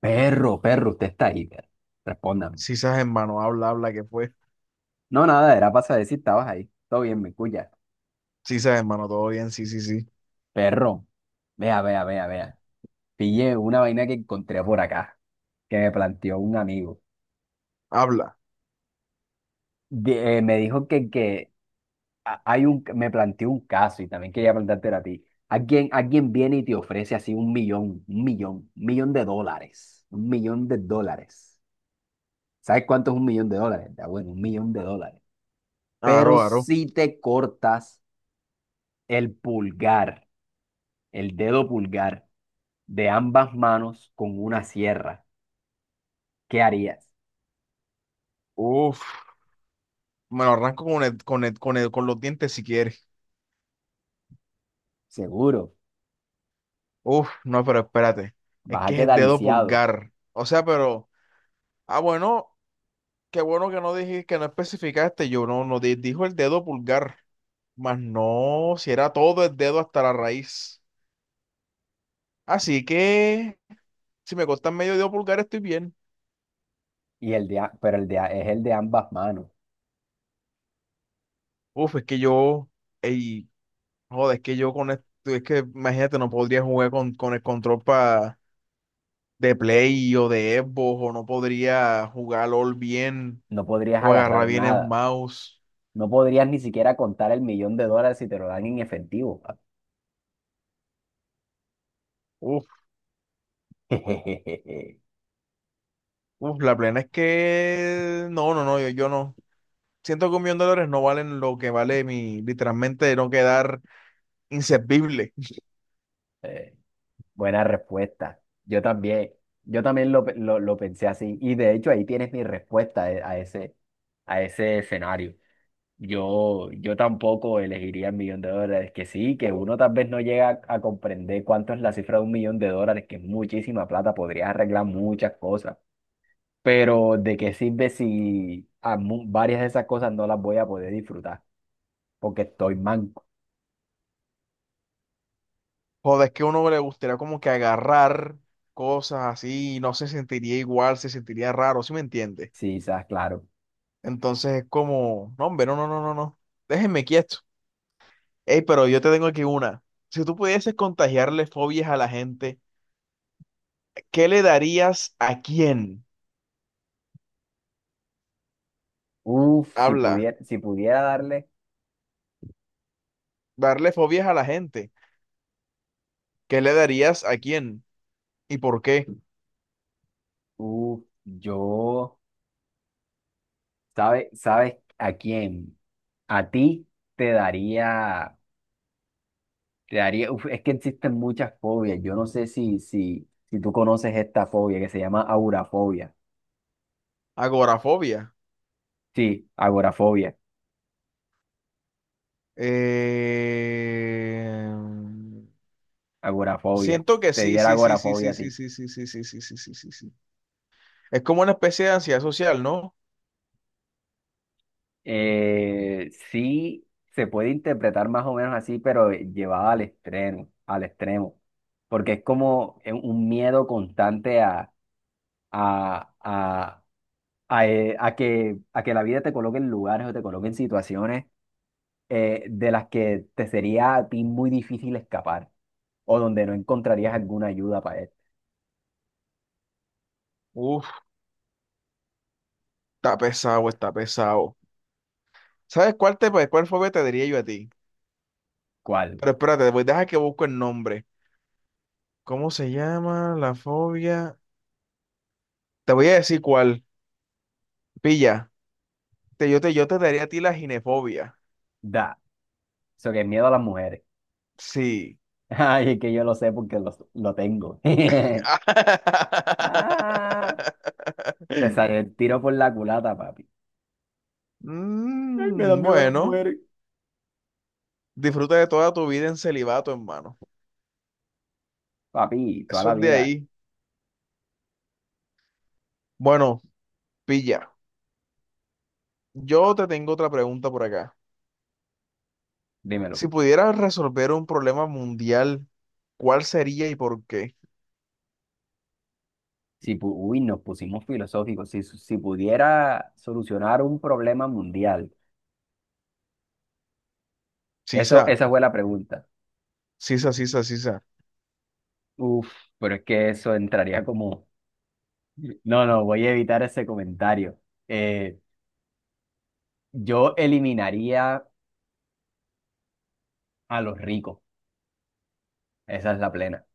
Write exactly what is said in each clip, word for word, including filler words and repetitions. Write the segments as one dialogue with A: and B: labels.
A: Perro, perro, usted está ahí, perro. Respóndame.
B: Sí, sabes, hermano, habla, habla, ¿qué fue?
A: No, nada, era para saber si estabas ahí. Todo bien, me escucha.
B: Sí, sabes, hermano, todo bien, sí, sí, sí.
A: Perro, vea, vea, vea, vea. Pillé una vaina que encontré por acá, que me planteó un amigo.
B: Habla.
A: De- eh, me dijo que, que a- hay un, me planteó un caso y también quería planteártelo a ti. Alguien, alguien viene y te ofrece así un millón, un millón, un millón de dólares, un millón de dólares. ¿Sabes cuánto es un millón de dólares? Ya, bueno, un millón de dólares. Pero
B: Aro, aro.
A: si te cortas el pulgar. el dedo pulgar de ambas manos con una sierra, ¿qué harías?
B: Uf, Me lo arranco con el, con el- con el- con los dientes si quieres.
A: Seguro,
B: Uf, no, pero espérate. Es
A: vas a
B: que es el
A: quedar
B: dedo
A: lisiado,
B: pulgar. O sea, pero. Ah, bueno, qué bueno que no dijiste, que no especificaste. Yo no, no di- Dijo el dedo pulgar. Más no, si era todo el dedo hasta la raíz. Así que, si me cortan medio dedo pulgar, estoy bien.
A: y el de, a- pero el de, a- es el de ambas manos.
B: Uf, es que yo. Ey, joder, es que yo con esto, es que imagínate, no podría jugar con, con el control pa- de Play o de Xbox, o no podría jugar LOL bien,
A: No podrías
B: o agarrar
A: agarrar
B: bien el
A: nada.
B: mouse.
A: No podrías ni siquiera contar el millón de dólares si te lo dan en efectivo.
B: Uf, uf, la plena es que no, no, no, yo, yo no. Siento que un millón de dólares no valen lo que vale mi, literalmente, no quedar inservible.
A: Eh, Buena respuesta. Yo también, yo también lo, pe- lo- lo pensé así. Y de hecho ahí tienes mi respuesta, eh, a ese, a ese, escenario. Yo, yo tampoco elegiría el millón de dólares, que sí, que uno tal vez no llega a, a comprender cuánto es la cifra de un millón de dólares, que es muchísima plata, podrías arreglar muchas cosas, pero ¿de qué sirve si a mu- varias de esas cosas no las voy a poder disfrutar? Porque estoy manco,
B: Joder, es que a uno le gustaría como que agarrar cosas así, y no se sentiría igual, se sentiría raro, ¿sí me entiende?
A: sí, sabes, claro.
B: Entonces es como, no, hombre, no, no, no, no, no. Déjenme quieto. Ey, pero yo te tengo aquí una. Si tú pudieses contagiarle fobias a la gente, ¿qué le darías a quién?
A: Uf, si
B: Habla,
A: pudiera, si pudiera darle,
B: darle fobias a la gente. ¿Qué le darías a quién? ¿Y por qué?
A: uf, yo, ¿sabes, sabes a quién? A ti te daría Te daría, uf, es que existen muchas fobias. Yo no sé si, si, si tú conoces esta fobia que se llama agorafobia.
B: Agorafobia.
A: Sí, agorafobia,
B: Eh,
A: agorafobia.
B: Siento que
A: Te
B: sí,
A: diera
B: sí, sí, sí,
A: agorafobia
B: sí,
A: a
B: sí,
A: ti.
B: sí, sí, sí, sí, sí, sí, sí, sí, sí. Es como una especie de ansiedad social, ¿no?
A: Eh, sí, se puede interpretar más o menos así, pero llevada al extremo, al extremo. Porque es como, eh, un miedo constante a, a, a, a, eh, a que, a que la vida te coloque en lugares o te coloque en situaciones, eh, de las que te sería a ti muy difícil escapar o donde no encontrarías alguna ayuda para él.
B: Uf, Está pesado, está pesado. ¿Sabes cuál te, cuál fobia te diría yo a ti?
A: ¿Cuál?
B: Pero espérate, voy, deja que busco el nombre. ¿Cómo se llama la fobia? Te voy a decir cuál. Pilla. Te, yo, te, yo te daría a ti la ginefobia.
A: Da. Eso que es miedo a las mujeres.
B: Sí.
A: Ay, es que yo lo sé porque lo, lo tengo. Ah, te sale el tiro por la culata, papi. Ay, me da
B: Mm,
A: miedo a las
B: bueno,
A: mujeres.
B: disfruta de toda tu vida en celibato, hermano.
A: Papi, toda
B: Eso
A: la
B: es de
A: vida,
B: ahí. Bueno, pilla. Yo te tengo otra pregunta por acá.
A: dímelo.
B: Si pudieras resolver un problema mundial, ¿cuál sería y por qué?
A: Si, pu- Uy, nos pusimos filosóficos. Si, si pudiera solucionar un problema mundial. Eso,
B: Sisa,
A: esa fue la pregunta.
B: sisa, sisa, sisa.
A: Uf, pero es que eso entraría como... No, no, voy a evitar ese comentario. Eh, yo eliminaría a los ricos, esa es la plena.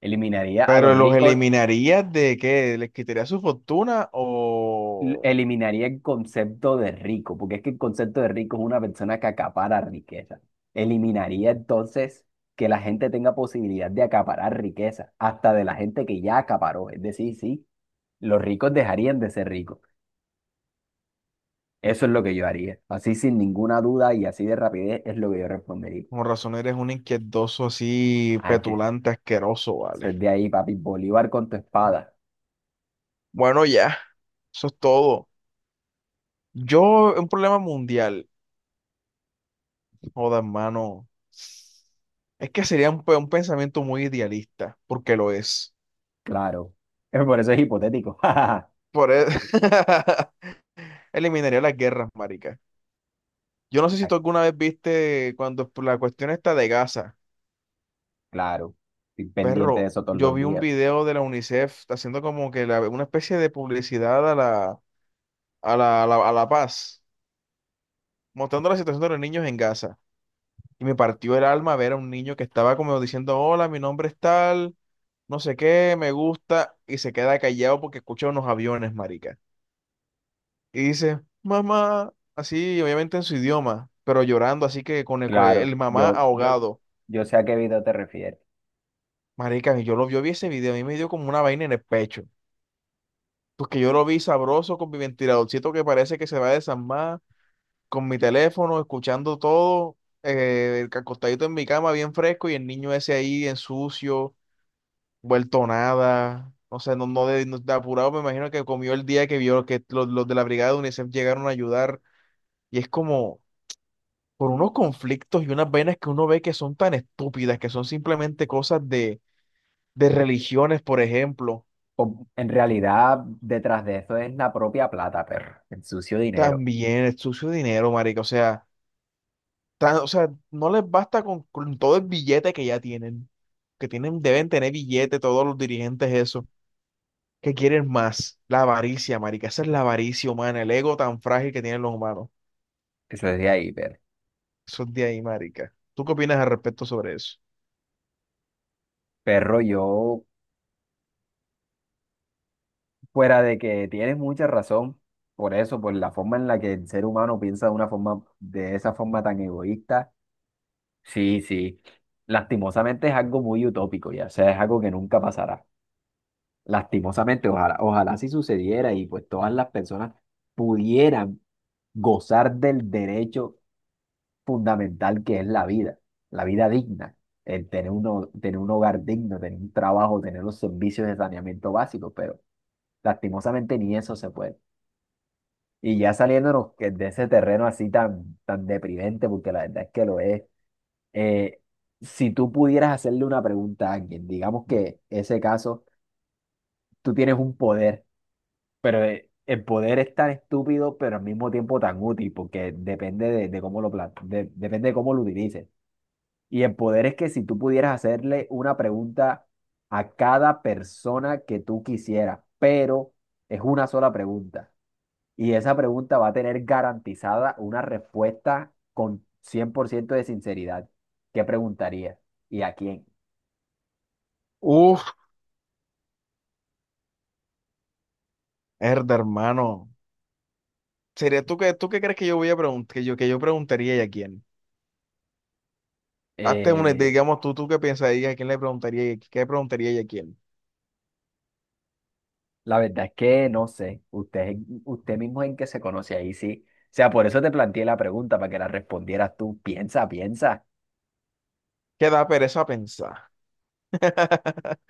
A: Eliminaría a los
B: ¿Pero los
A: ricos,
B: eliminarías de qué? ¿Les quitarías su fortuna
A: l-
B: o
A: eliminaría el concepto de rico, porque es que el concepto de rico es una persona que acapara riqueza. Eliminaría entonces que la gente tenga posibilidad de acaparar riqueza, hasta de la gente que ya acaparó. Es decir, sí, los ricos dejarían de ser ricos. Eso es lo que yo haría. Así sin ninguna duda y así de rapidez es lo que yo respondería.
B: con razón eres un inquietoso así,
A: Ay, que
B: petulante, asqueroso,
A: Eso
B: vale?
A: es de ahí, papi. Bolívar con tu espada.
B: Bueno, ya, eso es todo. Yo, un problema mundial, joda, hermano, es que sería un, pe- un pensamiento muy idealista, porque lo es.
A: Claro. Eh, Por eso es hipotético. Ah,
B: Por eso, eliminaría las guerras, marica. Yo no sé si tú alguna vez viste cuando la cuestión está de Gaza.
A: claro. Estoy pendiente de
B: Perro,
A: eso todos
B: yo
A: los
B: vi un
A: días.
B: video de la UNICEF haciendo como que la- una especie de publicidad a la, a la, a la, a la paz, mostrando la situación de los niños en Gaza. Y me partió el alma ver a un niño que estaba como diciendo, hola, mi nombre es tal, no sé qué, me gusta, y se queda callado porque escucha unos aviones, marica. Y dice, mamá, así, obviamente en su idioma, pero llorando, así que con el, con
A: Claro.
B: el mamá
A: Yo, yo,
B: ahogado.
A: yo sé a qué video te refieres.
B: Marica, yo lo yo vi ese video, a mí me dio como una vaina en el pecho. Pues que yo lo vi sabroso con mi ventiladorcito que parece que se va a desarmar, con mi teléfono, escuchando todo, eh, el acostadito en mi cama bien fresco y el niño ese ahí en sucio, vuelto nada. O sea, no, no, de, no- de apurado, me imagino que comió el día que vio que los, los de la brigada de UNICEF llegaron a ayudar. Y es como por unos conflictos y unas venas que uno ve que son tan estúpidas, que son simplemente cosas de, de religiones, por ejemplo.
A: O- en realidad, detrás de eso es la propia plata, perro. El sucio dinero.
B: También el sucio dinero, marica. O sea, tan- o sea, no les basta con, con todo el billete que ya tienen, que tienen, deben tener billete todos los dirigentes eso, que quieren más, la avaricia, marica, esa es la avaricia humana, el ego tan frágil que tienen los humanos,
A: Eso es de ahí, perro.
B: eso es de ahí, marica. ¿Tú qué opinas al respecto sobre eso?
A: Perro, yo, fuera de que tienes mucha razón, por eso, por la forma en la que el ser humano piensa de una forma, de esa forma tan egoísta. Sí, sí. Lastimosamente es algo muy utópico, ya, o sea, es algo que nunca pasará. Lastimosamente, ojalá, ojalá si sucediera y pues todas las personas pudieran gozar del derecho fundamental que es la vida, la vida digna, el tener un, ho- tener un hogar digno, tener un trabajo, tener los servicios de saneamiento básico, pero lastimosamente ni eso se puede. Y ya saliéndonos que- de ese terreno así tan, tan deprimente, porque la verdad es que lo es. Eh, si tú pudieras hacerle una pregunta a alguien, digamos que ese caso, tú tienes un poder, pero, eh, el poder es tan estúpido, pero al mismo tiempo tan útil, porque depende de, de cómo lo plan- de- depende de cómo lo utilices. Y el poder es que si tú pudieras hacerle una pregunta a cada persona que tú quisieras, pero es una sola pregunta. Y esa pregunta va a tener garantizada una respuesta con cien por ciento de sinceridad. ¿Qué preguntaría ¿Y a quién?
B: Uf, herda, hermano, sería tú que, tú qué crees que yo voy a preguntar, que yo, que yo preguntaría y a quién. Hazte una,
A: Eh,
B: digamos tú, tú qué pensarías, a quién le preguntaría y a- qué preguntaría y a quién.
A: la verdad es que no sé, usted, usted mismo en qué se conoce ahí, sí. O sea, por eso te planteé la pregunta, para que la respondieras tú. Piensa, piensa.
B: ¿Qué da pereza pensar?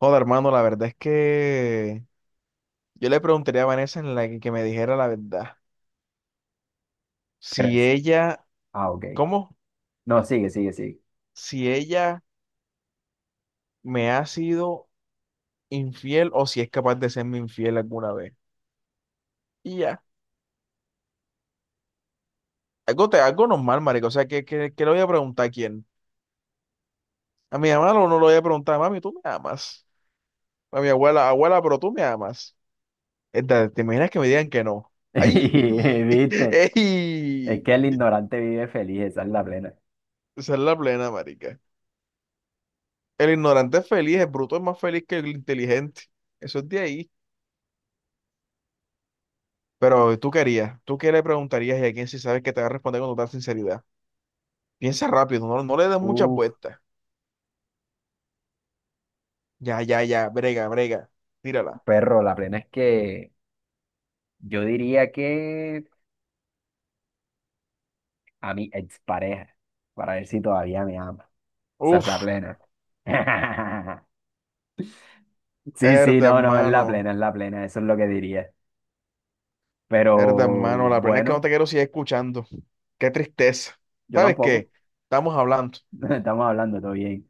B: Joder, hermano, la verdad es que yo le preguntaría a Vanessa en la que, que me dijera la verdad.
A: Pero
B: Si
A: es...
B: ella,
A: Ah, ok.
B: ¿cómo?
A: No, sigue, sigue, sigue.
B: Si ella me ha sido infiel o si es capaz de serme infiel alguna vez. Y ya. Algo, te, algo normal, marico. O sea, ¿qué, qué, qué le voy a preguntar a quién? A mi mamá. ¿O no le voy a preguntar, mami, tú me amas? A mi abuela, abuela, pero tú me amas. Esta, ¿te imaginas que me digan que no? ¡Ay!
A: ¿Viste? Es
B: ¡Ey!
A: que el ignorante vive feliz, esa es la plena.
B: Esa es la plena, marica. El ignorante es feliz, el bruto es más feliz que el inteligente. Eso es de ahí. Pero tú querías, tú qué le preguntarías y a quién si sabes que te va a responder con total sinceridad. Piensa rápido, no, no le des muchas
A: Uf,
B: vueltas. Ya, ya, ya, brega, brega, tírala.
A: perro, la plena es que yo diría que a mi expareja, para ver si todavía me ama. Esa es la
B: Uf,
A: plena. Sí, sí,
B: herda
A: no, no, es la
B: hermano,
A: plena, es la plena, eso es lo que diría.
B: Herda
A: Pero
B: hermano, la pena es que no
A: bueno,
B: te quiero seguir escuchando. Qué tristeza.
A: yo
B: ¿Sabes
A: tampoco.
B: qué? Estamos hablando.
A: Estamos hablando, todo bien.